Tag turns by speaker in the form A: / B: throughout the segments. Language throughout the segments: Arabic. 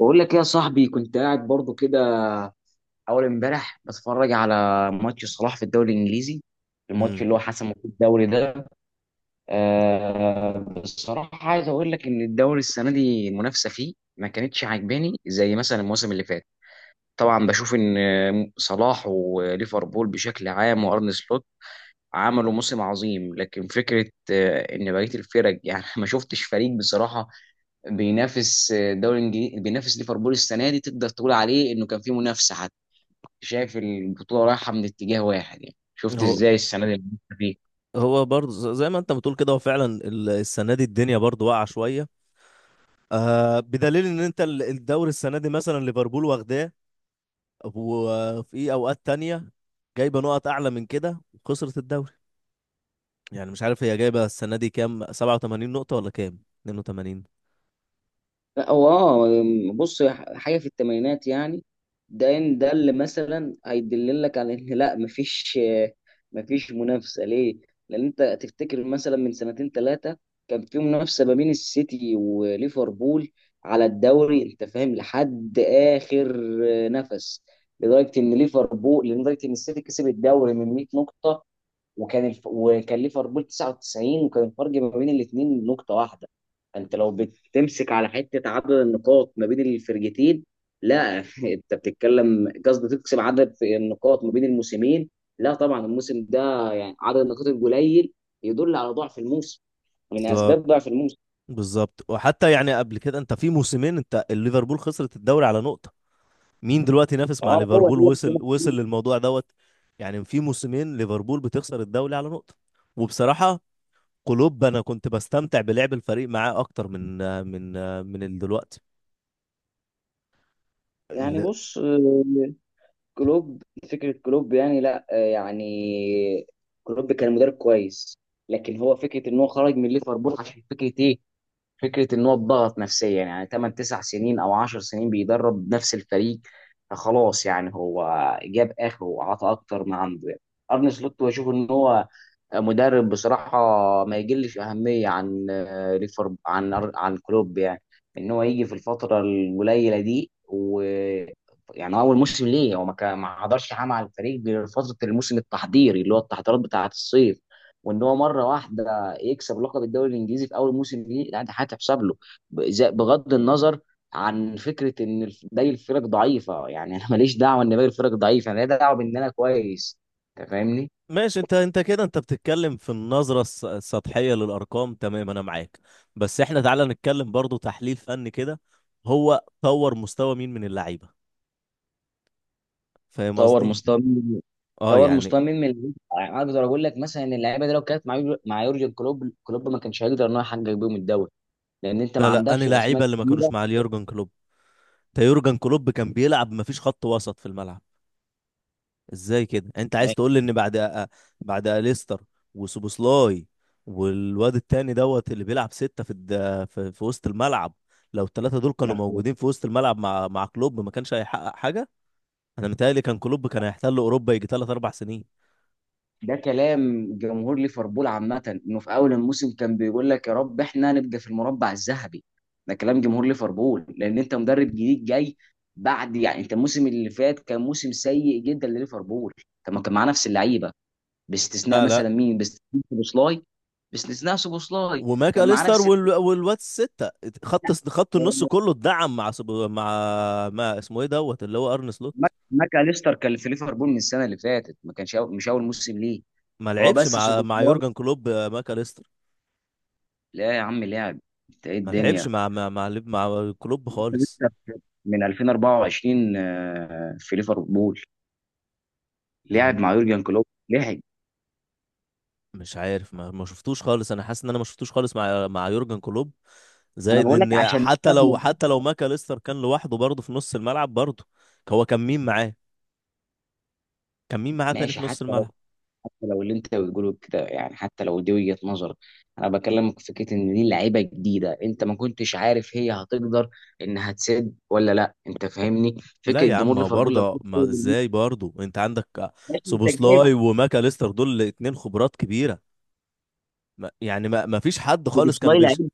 A: بقول لك إيه يا صاحبي؟ كنت قاعد برضو كده اول امبارح بتفرج على ماتش صلاح في الدوري الانجليزي، الماتش
B: امم
A: اللي هو حسمه في الدوري ده. أه بصراحه عايز اقول لك ان الدوري السنه دي المنافسه فيه ما كانتش عاجباني زي مثلا الموسم اللي فات. طبعا بشوف ان صلاح وليفربول بشكل عام وارن سلوت عملوا موسم عظيم، لكن فكره ان بقيه الفرق يعني ما شفتش فريق بصراحه بينافس الدوري الانجليزي، بينافس ليفربول السنه دي تقدر تقول عليه انه كان في منافسه حتى. شايف البطوله رايحه من اتجاه واحد، يعني شفت
B: هو
A: ازاي السنه دي المنافسة فيه.
B: هو برضه زي ما انت بتقول كده هو فعلا السنه دي الدنيا برضه واقعه شويه. آه، بدليل ان انت الدوري السنه دي مثلا ليفربول واخداه. وفي اوقات تانية جايبه نقط اعلى من كده وخسرت الدوري. يعني مش عارف، هي جايبه السنه دي كام، 87 نقطه ولا كام، 82؟
A: لا هو اه، بص حاجه في الثمانينات يعني، ده ده اللي مثلا هيدللك على ان لا مفيش، مفيش منافسه ليه؟ لان انت تفتكر مثلا من سنتين ثلاثه كان في منافسه ما بين السيتي وليفربول على الدوري، انت فاهم؟ لحد اخر نفس، لدرجه ان ليفربول، لدرجه ان السيتي كسب الدوري من 100 نقطه وكان وكان ليفربول 99 وكان الفرق ما بين الاثنين نقطة واحدة. فانت لو بتمسك على حتة عدد النقاط ما بين الفرقتين، لا انت بتتكلم، قصدي تقسم عدد في النقاط ما بين الموسمين. لا طبعا الموسم ده يعني عدد النقاط القليل يدل على ضعف الموسم، من
B: بالظبط،
A: اسباب ضعف الموسم.
B: بالظبط. وحتى يعني قبل كده انت في موسمين، انت الليفربول خسرت الدوري على نقطه. مين دلوقتي نافس مع
A: طبعا هو ده
B: ليفربول، وصل للموضوع دوت؟ يعني في موسمين ليفربول بتخسر الدوري على نقطة. وبصراحة كلوب، انا كنت بستمتع بلعب الفريق معاه اكتر من من دلوقتي
A: يعني
B: ال-
A: بص، كلوب، فكرة كلوب يعني لا يعني كلوب كان مدرب كويس، لكن هو فكرة ان هو خرج من ليفربول عشان فكرة ايه؟ فكره ان هو اتضغط نفسيا يعني 8 9 سنين او 10 سنين بيدرب نفس الفريق. فخلاص يعني هو جاب اخره وعطى اكتر ما عنده يعني. ارني سلوت بشوف ان هو مدرب بصراحه ما يجلش اهميه عن ليفر، عن كلوب يعني. ان هو يجي في الفتره القليله دي و يعني اول موسم ليه هو ما حضرش حاجه مع الفريق غير فتره الموسم التحضيري اللي هو التحضيرات بتاعه الصيف، وان هو مره واحده يكسب لقب الدوري الانجليزي في اول موسم ليه. لا ده هتحسب له بغض النظر عن فكره ان باقي الفرق ضعيفه. يعني انا ماليش دعوه ان باقي الفرق ضعيفه، انا ليا دعوه بان انا كويس، انت فاهمني؟
B: ماشي، انت كده انت بتتكلم في النظرة السطحية للارقام. تمام انا معاك. بس احنا تعالى نتكلم برضو تحليل فني كده. هو طور مستوى مين من اللعيبة؟ فاهم
A: طور
B: قصدي؟
A: مستوى مين-
B: اه،
A: طور
B: يعني.
A: مستوى مين من اللعيبة. يعني اقدر اقول لك مثلا ان اللعيبه دي لو كانت مع مع يورجن كلوب، كلوب ما كانش هيقدر ان هو يحقق بيهم الدوري لان انت ما
B: لا، لا، انا
A: عندكش الاسماء
B: لعيبة اللي ما كانوش مع اليورجن كلوب. تا يورجن كلوب كان بيلعب مفيش خط وسط في الملعب. ازاي كده انت عايز تقول لي ان بعد اليستر وسوبوسلاي والواد التاني دوت اللي بيلعب ستة في وسط الملعب. لو الثلاثة دول كانوا
A: الكبيره.
B: موجودين في وسط الملعب مع كلوب ما كانش هيحقق حاجة. انا متهيألي كان كلوب كان هيحتل اوروبا يجي ثلاث اربع سنين.
A: ده كلام جمهور ليفربول عامة، انه في اول الموسم كان بيقول لك يا رب احنا نبقى في المربع الذهبي. ده كلام جمهور ليفربول لان انت مدرب جديد جاي بعد يعني انت الموسم اللي فات كان موسم سيء جدا لليفربول. طب ما كان معاه نفس اللعيبه، باستثناء
B: لا، لا،
A: مثلا مين؟ باستثناء سوبوسلاي. باستثناء سوبوسلاي
B: وماك
A: كان معاه
B: اليستر
A: نفس،
B: والواد الستة. خط النص كله اتدعم مع مع ما اسمه ايه دوت اللي هو ارن سلوت.
A: ماك ماك أليستر كان في ليفربول من السنه اللي فاتت، ما كانش مش اول موسم ليه.
B: ما
A: هو
B: لعبش
A: بس
B: مع
A: سوبوسلاي.
B: يورجن كلوب، ماك اليستر.
A: لا يا عم لاعب، انت ايه
B: ما لعبش
A: الدنيا،
B: مع كلوب خالص.
A: من 2024 في ليفربول،
B: أنا
A: لعب مع يورجن كلوب لعب.
B: مش عارف، ما شفتوش خالص. انا حاسس ان انا ما شفتوش خالص مع يورجن كلوب.
A: ما انا
B: زائد
A: بقول لك
B: ان
A: عشان
B: حتى
A: كده
B: لو حتى لو ماكاليستر كان لوحده برضه في نص الملعب برضه. هو كان مين معاه؟ كان مين معاه تاني
A: ماشي،
B: في نص
A: حتى لو،
B: الملعب؟
A: حتى لو اللي انت بتقوله كده، يعني حتى لو دي وجهة نظرك، انا بكلمك في فكره ان دي لعيبه جديده، انت ما كنتش عارف هي هتقدر انها تسد ولا لا، انت فاهمني؟
B: لا
A: فكره
B: يا عم،
A: جمهور
B: ما
A: ليفربول لما
B: برضه،
A: يدخل
B: ما
A: الماتش،
B: ازاي برضه انت عندك
A: ماشي انت
B: سوبوسلاي
A: جايب
B: وماكاليستر دول اتنين خبرات كبيرة. ما يعني ما فيش حد خالص كان
A: سوبوسلاي
B: بيش.
A: لعيب،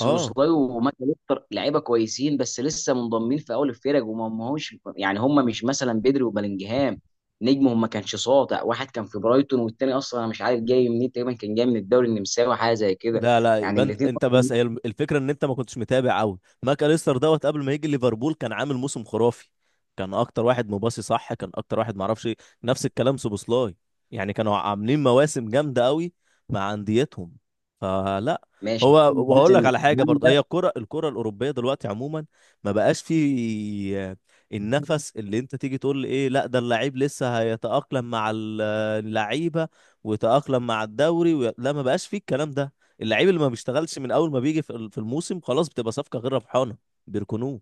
B: اه،
A: وماكاليستر لعيبه كويسين بس لسه منضمين في اول الفرق، وما ما هوش يعني، هم مش مثلا بدري وبلينجهام، نجمهم ما كانش ساطع. واحد كان في برايتون والتاني اصلا انا مش عارف جاي منين، تقريبا كان جاي من الدوري النمساوي حاجه زي كده.
B: لا، لا،
A: يعني
B: يبقى انت
A: الاثنين
B: انت
A: اصلا
B: بس هي الفكره ان انت ما كنتش متابع قوي. ماك اليستر دوت قبل ما يجي ليفربول كان عامل موسم خرافي. كان اكتر واحد مباصي صح. كان اكتر واحد ما اعرفش ايه. نفس الكلام سوبوسلاي. يعني كانوا عاملين مواسم جامده قوي مع انديتهم. فلا.
A: ماشي
B: هو،
A: بس
B: وهقول لك
A: إن
B: على حاجه برضه.
A: جامدة.
B: هي الكره الاوروبيه دلوقتي عموما ما بقاش في النفس اللي انت تيجي تقول ايه، لا ده اللعيب لسه هيتاقلم مع اللعيبه ويتاقلم مع الدوري لا، ما بقاش في الكلام ده. اللعيب اللي ما بيشتغلش من اول ما بيجي في الموسم خلاص بتبقى صفقه غير ربحانه. بيركنوه.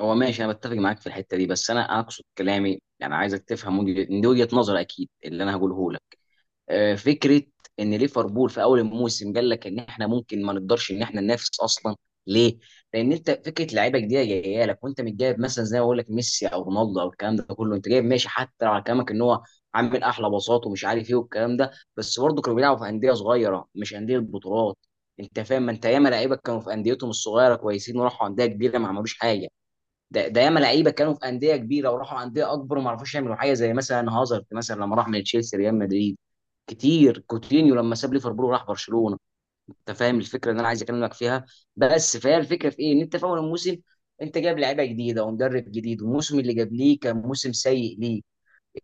A: هو ماشي انا بتفق معاك في الحته دي، بس انا اقصد كلامي، يعني عايزك تفهم دي وجهه نظر اكيد اللي انا هقوله لك. فكره ان ليفربول في اول الموسم قال لك ان احنا ممكن ما نقدرش ان احنا ننافس اصلا. ليه؟ لان انت فكره لعيبه جديده جايه لك، وانت مش جايب مثلا زي ما بقول لك ميسي او رونالدو او الكلام ده كله. انت جايب ماشي حتى على كلامك ان هو عامل احلى باصات ومش عارف ايه والكلام ده، بس برضه كانوا بيلعبوا في انديه صغيره مش انديه بطولات. انت فاهم، ما انت ياما لعيبه كانوا في انديتهم الصغيره كويسين وراحوا انديه كبيره ما عملوش حاجه. ده ياما لعيبه كانوا في انديه كبيره وراحوا انديه اكبر وما عرفوش يعملوا حاجه زي مثلا هازارد مثلا لما راح من تشيلسي ريال مدريد كتير، كوتينيو لما ساب ليفربول وراح برشلونه. انت فاهم الفكره اللي انا عايز اكلمك فيها؟ بس فهي الفكره في ايه؟ ان انت في اول الموسم انت جايب لعيبه جديده ومدرب جديد والموسم اللي جاب ليه كان موسم سيء ليه،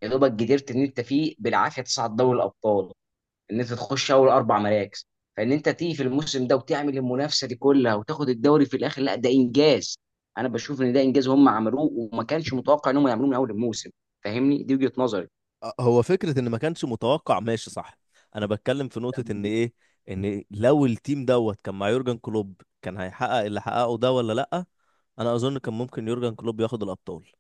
A: يا دوبك قدرت ان انت فيه بالعافيه تصعد دوري الابطال، ان انت تخش اول اربع مراكز. فان انت تيجي في الموسم ده وتعمل المنافسه دي كلها وتاخد الدوري في الاخر، لا ده انجاز. انا بشوف ان ده انجاز هم عملوه وما كانش متوقع ان هم يعملوه من اول الموسم. فاهمني؟ دي وجهه نظري.
B: أه، هو فكره ان ما كانش متوقع، ماشي صح. انا بتكلم في نقطه ان ايه؟ ان لو التيم دوت كان مع يورجن كلوب كان هيحقق اللي حققه ده ولا لا. انا اظن كان ممكن يورجن كلوب ياخد الابطال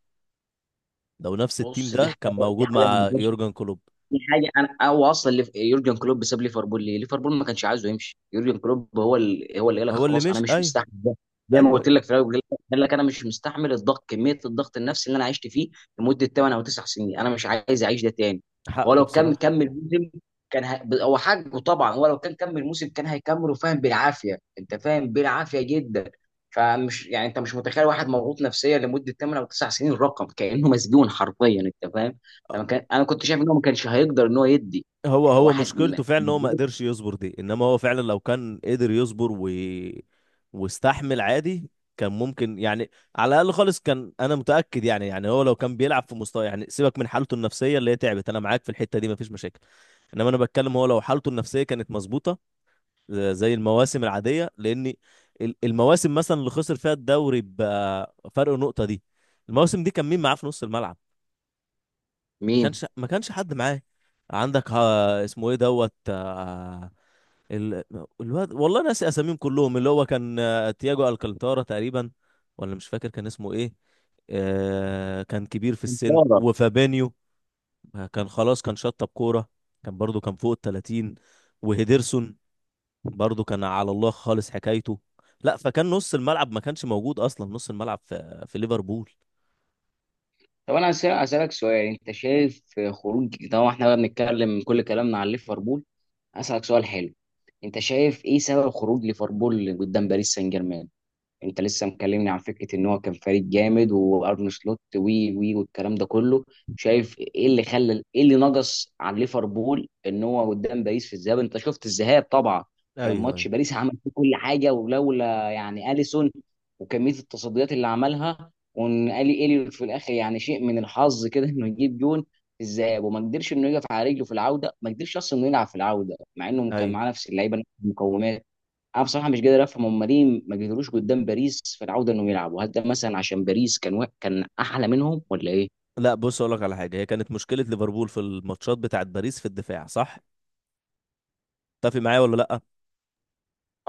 B: لو نفس التيم
A: بص دي
B: ده
A: حاجه،
B: كان
A: دي
B: موجود
A: حاجه،
B: مع يورجن كلوب.
A: دي حاجه انا هو اصلا، اللي يورجن كلوب ساب ليفربول ليه؟ ليفربول ما كانش عايزه يمشي يورجن كلوب، هو اللي قال لك
B: هو اللي
A: خلاص انا
B: مش،
A: مش
B: ايوه.
A: مستحمل ده. زي ما
B: ايوه،
A: قلت
B: أيوة.
A: لك في الاول، قال لك انا مش مستحمل الضغط، كميه الضغط النفسي اللي انا عشت فيه لمده 8 او 9 سنين، انا مش عايز اعيش ده تاني. هو
B: حقه
A: لو كان
B: بصراحه.
A: كمل موسم كان هو حاجه، طبعا هو لو كان كمل موسم كان هيكمله فاهم بالعافيه، انت فاهم بالعافيه جدا. فمش يعني انت مش متخيل واحد مضغوط نفسيا لمده 8 او 9 سنين، رقم كانه مسجون حرفيا، انت فاهم؟ لما كان انا كنت شايف ان هو ما كانش هيقدر ان هو يدي
B: هو
A: واحد
B: مشكلته فعلا ان هو ما قدرش يصبر دي. انما هو فعلا لو كان قدر يصبر واستحمل عادي، كان ممكن يعني على الاقل خالص، كان انا متاكد. يعني هو لو كان بيلعب في مستوى، يعني سيبك من حالته النفسيه اللي هي تعبت، انا معاك في الحته دي مفيش مشاكل. انما انا بتكلم، هو لو حالته النفسيه كانت مظبوطه، زي المواسم العاديه. لان المواسم مثلا اللي خسر فيها الدوري بفرق نقطه دي، المواسم دي كان مين معاه في نص الملعب؟
A: مين
B: ما كانش حد معاه. عندك ها اسمه ايه دوت، ال... الواد والله ناسي اساميهم كلهم اللي هو كان، تياجو الكانتارا تقريبا، ولا مش فاكر كان اسمه ايه. كان كبير في السن
A: كفارة.
B: وفابينيو. كان خلاص، كان شطب كورة. كان برضو كان فوق التلاتين. وهيدرسون برضو كان على الله خالص حكايته. لا، فكان نص الملعب ما كانش موجود اصلا نص الملعب في ليفربول.
A: طب هسألك سؤال. انت شايف خروج، طبعا احنا بقى بنتكلم كل كلامنا عن ليفربول، هسألك سؤال حلو، انت شايف ايه سبب خروج ليفربول قدام باريس سان جيرمان؟ انت لسه مكلمني عن فكره ان هو كان فريق جامد وارن سلوت وي والكلام ده كله، شايف ايه اللي خلى، ايه اللي نقص عن ليفربول ان هو قدام باريس في الذهاب؟ انت شفت الذهاب طبعا، كان
B: ايوه، ايوه.
A: ماتش باريس عمل فيه كل حاجه، ولولا يعني اليسون وكميه التصديات اللي عملها، وان الي في الاخر يعني شيء من الحظ كده انه يجيب جون في الذهاب. وما قدرش انه يقف على رجله في العوده، ما قدرش اصلا انه يلعب في العوده مع انه كان
B: ايوه،
A: معاه نفس اللعيبه نفس المقومات. انا بصراحه مش قادر افهم هم ليه ما قدروش قدام باريس في العوده انهم يلعبوا. هل ده مثلا عشان باريس كان احلى منهم ولا ايه؟
B: لا بص، اقول لك على حاجه. هي كانت مشكله ليفربول في الماتشات بتاعت باريس في الدفاع صح، تتفق معايا ولا لا؟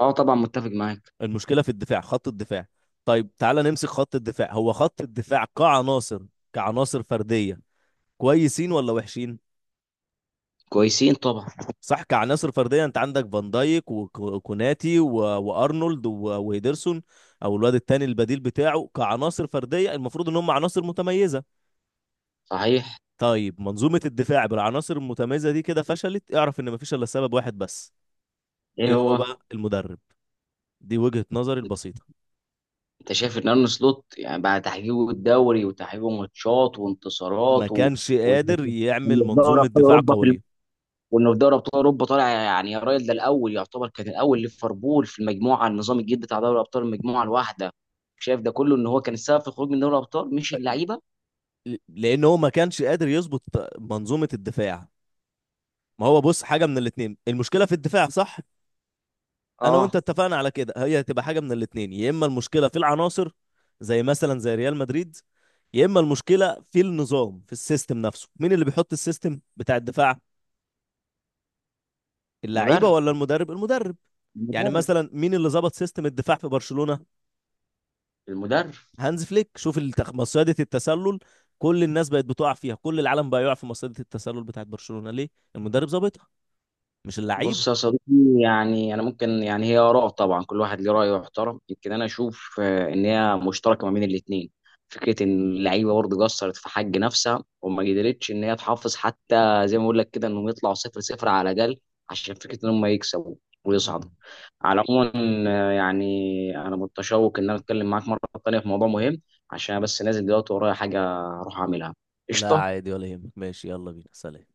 A: اه طبعا متفق معاك.
B: المشكله في الدفاع، خط الدفاع. طيب تعالى نمسك خط الدفاع. هو خط الدفاع كعناصر فرديه كويسين ولا وحشين؟
A: كويسين طبعا.
B: صح، كعناصر فرديه انت عندك فان دايك وكوناتي وارنولد وهيدرسون او الواد التاني البديل بتاعه. كعناصر فرديه المفروض ان هم عناصر متميزه.
A: صحيح.
B: طيب، منظومه الدفاع بالعناصر المتميزه دي كده فشلت، اعرف ان مفيش الا سبب واحد بس.
A: ايه
B: ايه هو
A: هو؟
B: بقى؟ المدرب. دي وجهة نظري البسيطة.
A: انت شايف ان ارن سلوت يعني بعد تحقيقه الدوري وتحقيقه ماتشات
B: ما
A: وانتصارات و...
B: كانش
A: وانه
B: قادر
A: وإنه
B: يعمل
A: في دوري
B: منظومة
A: ابطال
B: دفاع
A: اوروبا في
B: قوية
A: وانه في دوري ابطال اوروبا طالع يعني، يا راجل ده الاول يعتبر، كان الاول ليفربول في المجموعه، النظام الجديد بتاع دوري ابطال المجموعه الواحده، شايف ده كله ان هو كان السبب في الخروج من دوري الابطال مش اللعيبه؟
B: لأن هو ما كانش قادر يظبط منظومة الدفاع. ما هو بص، حاجة من الاتنين، المشكلة في الدفاع صح. أنا وأنت
A: اه.
B: اتفقنا على كده. هي هتبقى حاجة من الاتنين، يا إما المشكلة في العناصر زي مثلا زي ريال مدريد، يا إما المشكلة في النظام في السيستم نفسه. مين اللي بيحط السيستم بتاع الدفاع، اللعيبة
A: المدرب،
B: ولا المدرب؟ المدرب. يعني
A: المدرب،
B: مثلا مين اللي ظبط سيستم الدفاع في برشلونة؟
A: المدرب.
B: هانز فليك. شوف مصيدة التسلل. كل الناس بقت بتقع فيها، كل العالم بقى يقع في مصيدة التسلل بتاعت برشلونة، ليه؟ المدرب ظابطها، مش اللعيبة.
A: بص يا صديقي، يعني انا ممكن، يعني هي اراء طبعا كل واحد ليه راي يحترم، يمكن انا اشوف ان هي مشتركه ما بين الاثنين. فكره ان اللعيبه برضه قصرت في حق نفسها وما قدرتش ان هي تحافظ، حتى زي ما اقول لك كده، انهم يطلعوا صفر صفر على الاقل عشان فكره ان هم يكسبوا
B: مم.
A: ويصعدوا. على العموم يعني انا متشوق ان انا اتكلم معاك مره ثانيه في موضوع مهم، عشان أنا بس نازل دلوقتي ورايا حاجه اروح اعملها.
B: لا
A: قشطه.
B: عادي ولا يهمك، ماشي يلا بينا، سلام.